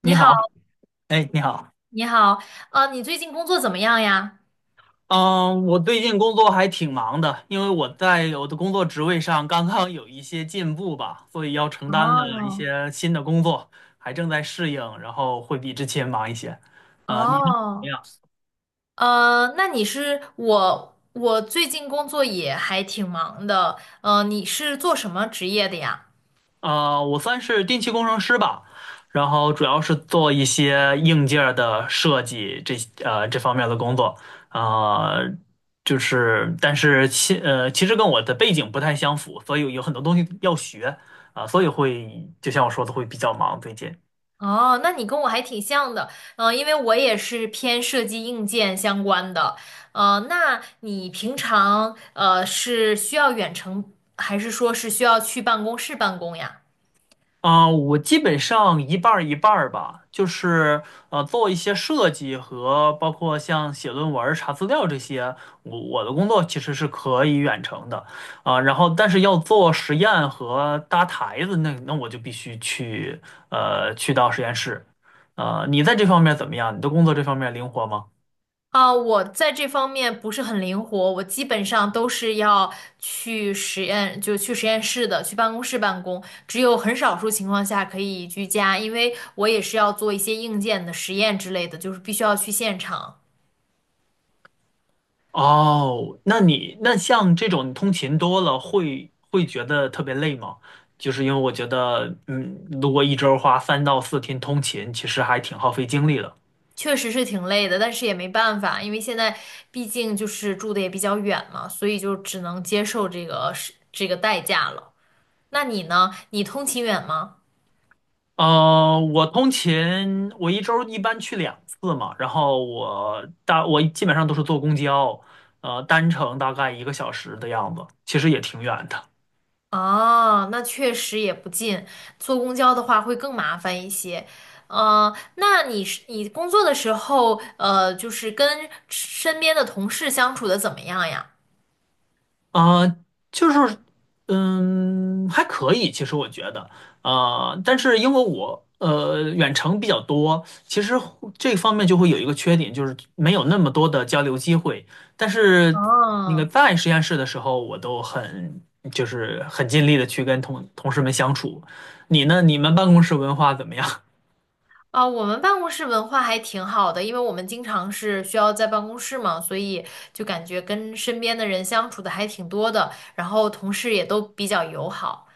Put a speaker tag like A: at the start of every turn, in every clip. A: 你
B: 你
A: 好，
B: 好，哎，你好，
A: 你好，你最近工作怎么样呀？
B: 嗯，我最近工作还挺忙的，因为我的工作职位上刚刚有一些进步吧，所以要承担了一
A: 哦，
B: 些新的工作，还正在适应，然后会比之前忙一些。你呢？怎么
A: 哦，
B: 样？
A: 呃，那你是我，我最近工作也还挺忙的，你是做什么职业的呀？
B: 我算是电气工程师吧，然后主要是做一些硬件儿的设计这方面的工作。啊、但是其实跟我的背景不太相符，所以有很多东西要学，所以会就像我说的会比较忙最近。
A: 哦，那你跟我还挺像的，因为我也是偏设计硬件相关的，那你平常是需要远程，还是说是需要去办公室办公呀？
B: 啊，我基本上一半儿一半儿吧，就是做一些设计和包括像写论文儿查资料这些，我的工作其实是可以远程的，啊，然后但是要做实验和搭台子，那我就必须去去到实验室。呃，你在这方面怎么样？你的工作这方面灵活吗？
A: 啊，我在这方面不是很灵活，我基本上都是要去实验，就去实验室的，去办公室办公，只有很少数情况下可以居家，因为我也是要做一些硬件的实验之类的，就是必须要去现场，
B: 哦，那你那像这种通勤多了会觉得特别累吗？就是因为我觉得，嗯，如果一周花三到四天通勤，其实还挺耗费精力的。
A: 确实是挺累的，但是也没办法，因为现在毕竟就是住的也比较远嘛，所以就只能接受这个是这个代价了。那你呢？你通勤远吗？
B: 呃，我通勤，我一周一般去两次嘛，然后我基本上都是坐公交，呃，单程大概一个小时的样子，其实也挺远的。
A: 哦，那确实也不近，坐公交的话会更麻烦一些。那你工作的时候，就是跟身边的同事相处的怎么样呀？
B: 啊，就是，嗯，还可以，其实我觉得，啊，但是因为我远程比较多，其实这方面就会有一个缺点，就是没有那么多的交流机会。但是那个
A: 哦，
B: 在实验室的时候，我都很就是很尽力的去跟同事们相处。你呢？你们办公室文化怎么样？
A: 啊，我们办公室文化还挺好的，因为我们经常是需要在办公室嘛，所以就感觉跟身边的人相处的还挺多的，然后同事也都比较友好。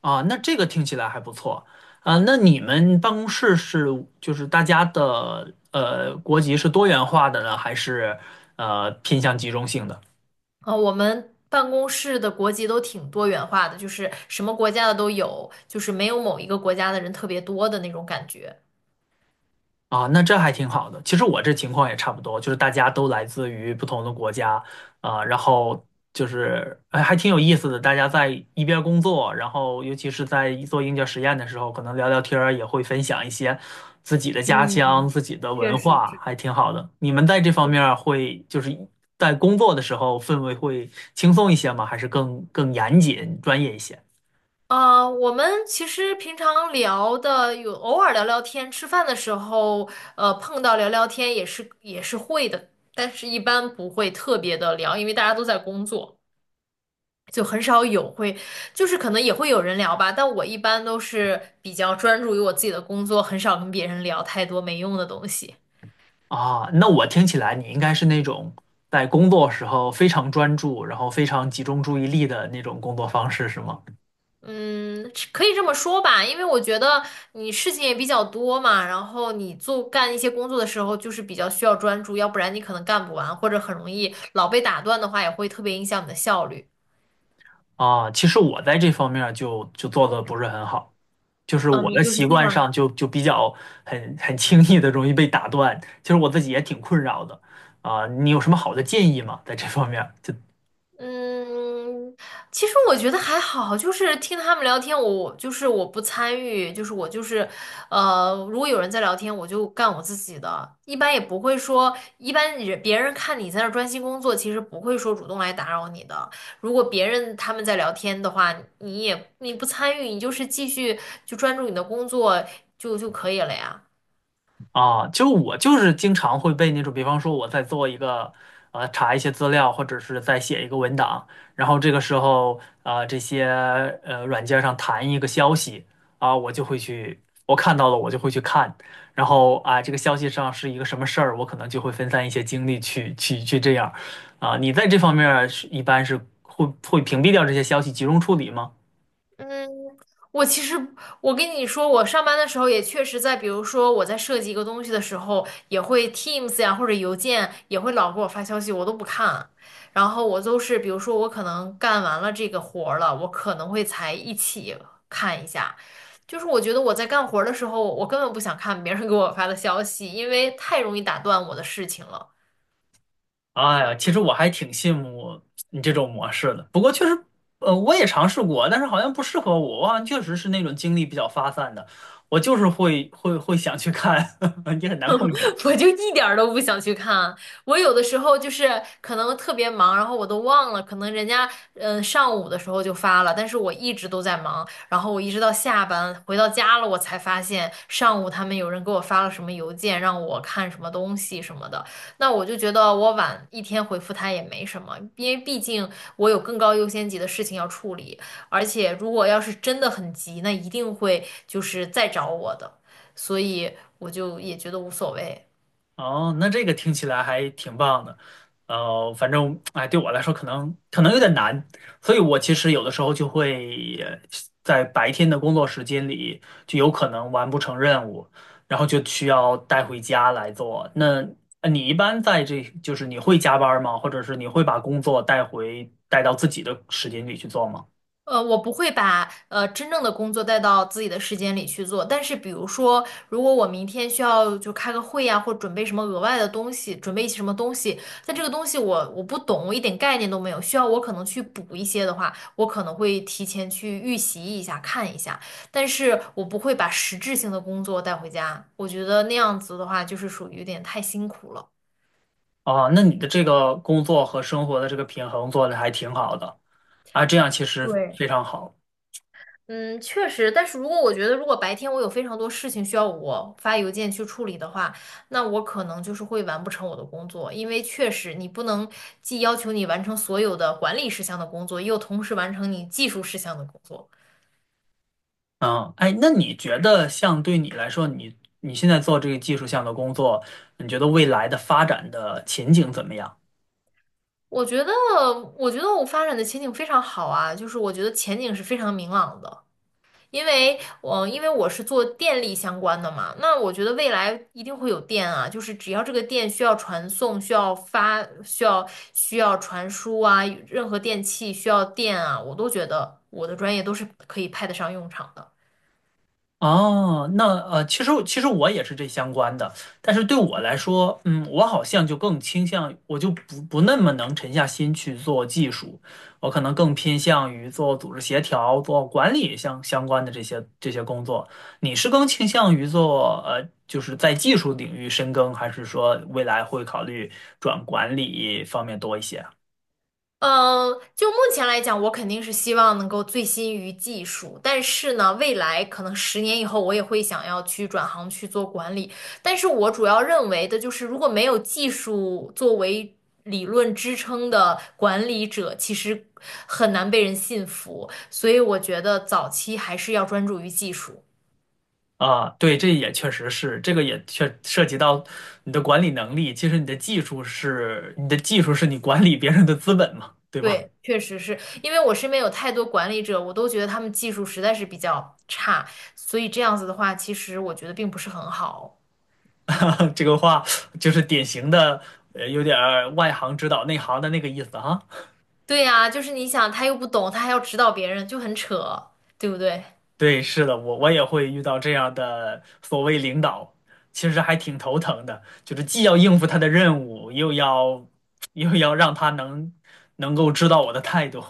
B: 啊，那这个听起来还不错啊。那你们办公室是就是大家的国籍是多元化的呢，还是偏向集中性的？
A: 我们办公室的国籍都挺多元化的，就是什么国家的都有，就是没有某一个国家的人特别多的那种感觉。
B: 啊，那这还挺好的。其实我这情况也差不多，就是大家都来自于不同的国家啊，然后就是哎，还挺有意思的。大家在一边工作，然后尤其是在做硬件实验的时候，可能聊聊天儿，也会分享一些自己的家乡、
A: 嗯，
B: 自己的
A: 确
B: 文
A: 实
B: 化，
A: 是。
B: 还挺好的。你们在这方面儿会就是在工作的时候氛围会轻松一些吗？还是更严谨、专业一些？
A: 啊，我们其实平常聊的有偶尔聊聊天，吃饭的时候，碰到聊聊天也是会的，但是一般不会特别的聊，因为大家都在工作。就很少有会，就是可能也会有人聊吧，但我一般都是比较专注于我自己的工作，很少跟别人聊太多没用的东西。
B: 啊，那我听起来你应该是那种在工作时候非常专注，然后非常集中注意力的那种工作方式，是吗？
A: 嗯，是可以这么说吧，因为我觉得你事情也比较多嘛，然后你干一些工作的时候，就是比较需要专注，要不然你可能干不完，或者很容易老被打断的话，也会特别影响你的效率。
B: 啊，其实我在这方面儿就做的不是很好，就是
A: 啊，
B: 我
A: 你
B: 的
A: 就是
B: 习
A: 经
B: 惯
A: 常
B: 上就比较很轻易的容易被打断，其实我自己也挺困扰的。啊，你有什么好的建议吗？在这方面儿，就
A: 嗯，其实我觉得还好，就是听他们聊天，我不参与，就是我就是，呃，如果有人在聊天，我就干我自己的，一般也不会说，一般人别人看你在那儿专心工作，其实不会说主动来打扰你的。如果别人他们在聊天的话，你不参与，你就是继续就专注你的工作就可以了呀。
B: 啊，就我就是经常会被那种，比方说我在做一个，呃，查一些资料，或者是在写一个文档，然后这个时候，呃，这些软件上弹一个消息，啊，我就会去，我看到了我就会去看，然后啊，这个消息上是一个什么事儿，我可能就会分散一些精力去这样，啊，你在这方面儿是一般是会屏蔽掉这些消息，集中处理吗？
A: 嗯。我其实，我跟你说，我上班的时候也确实在，比如说我在设计一个东西的时候，也会 Teams 呀或者邮件也会老给我发消息，我都不看。然后我都是，比如说我可能干完了这个活儿了，我可能会才一起看一下。就是我觉得我在干活儿的时候，我根本不想看别人给我发的消息，因为太容易打断我的事情了。
B: 哎呀，其实我还挺羡慕你这种模式的。呃，我也尝试过，但是好像不适合我，我好像确实是那种精力比较发散的，我就是会想去看，也很难控制。
A: 我就一点儿都不想去看。我有的时候就是可能特别忙，然后我都忘了，可能人家嗯上午的时候就发了，但是我一直都在忙，然后我一直到下班回到家了，我才发现上午他们有人给我发了什么邮件，让我看什么东西什么的。那我就觉得我晚一天回复他也没什么，因为毕竟我有更高优先级的事情要处理，而且如果要是真的很急，那一定会就是再找我的。所以我就也觉得无所谓。
B: 哦，那这个听起来还挺棒的，呃，反正哎，对我来说可能有点难，所以我其实有的时候就会在白天的工作时间里，就有可能完不成任务，然后就需要带回家来做。那呃你一般在这，就是你会加班儿吗？或者是你会把工作带到自己的时间里去做吗？
A: 我不会把真正的工作带到自己的时间里去做，但是比如说，如果我明天需要就开个会呀、或准备什么额外的东西，准备一些什么东西，但这个东西我不懂，我一点概念都没有，需要我可能去补一些的话，我可能会提前去预习一下，看一下，但是我不会把实质性的工作带回家，我觉得那样子的话就是属于有点太辛苦了。
B: 哦，那你的这个工作和生活的这个平衡做的还挺好的啊，这样其实
A: 对。
B: 非常好。
A: 嗯，确实，但是如果我觉得如果白天我有非常多事情需要我发邮件去处理的话，那我可能就是会完不成我的工作，因为确实你不能既要求你完成所有的管理事项的工作，又同时完成你技术事项的工作。
B: 嗯，哎，那你觉得像对你来说，你现在做这个技术项的工作，你觉得未来的发展的前景怎么样？
A: 我觉得，我觉得我发展的前景非常好啊，就是我觉得前景是非常明朗的。因为我是做电力相关的嘛，那我觉得未来一定会有电啊，就是只要这个电需要传送、需要发、需要传输啊，任何电器需要电啊，我都觉得我的专业都是可以派得上用场的。
B: 哦，那呃，其实我也是这相关的，但是对我来说，嗯，我好像就更倾向，我就不那么能沉下心去做技术，我可能更偏向于做组织协调、做管理相关的这些工作。你是更倾向于做呃，就是在技术领域深耕，还是说未来会考虑转管理方面多一些啊
A: 嗯，就目前来讲，我肯定是希望能够醉心于技术，但是呢，未来可能10年以后，我也会想要去转行去做管理。但是我主要认为的就是，如果没有技术作为理论支撑的管理者，其实很难被人信服。所以我觉得早期还是要专注于技术。
B: 啊，对，这也确实是，这个也确涉及到你的管理能力。其实你的技术是你管理别人的资本嘛，对吧？
A: 对，确实是因为我身边有太多管理者，我都觉得他们技术实在是比较差，所以这样子的话，其实我觉得并不是很好。
B: 这个话就是典型的，呃，有点儿外行指导内行的那个意思哈。
A: 对呀，就是你想，他又不懂，他还要指导别人，就很扯，对不对？
B: 对，是的，我也会遇到这样的所谓领导，其实还挺头疼的，就是既要应付他的任务，又要让他能够知道我的态度。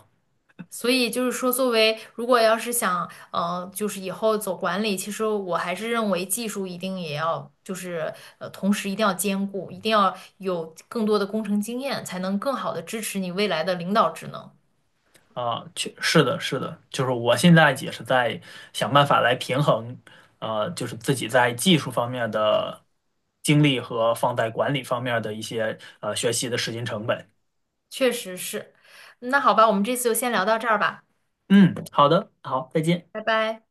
A: 所以就是说，作为如果要是想，就是以后走管理，其实我还是认为技术一定也要，同时一定要兼顾，一定要有更多的工程经验，才能更好的支持你未来的领导职能。
B: 啊，确是的，是的，就是我现在也是在想办法来平衡，呃，就是自己在技术方面的精力和放在管理方面的一些学习的时间成本。
A: 确实是，那好吧，我们这次就先聊到这儿吧，
B: 嗯，好的，好，再见。
A: 拜拜。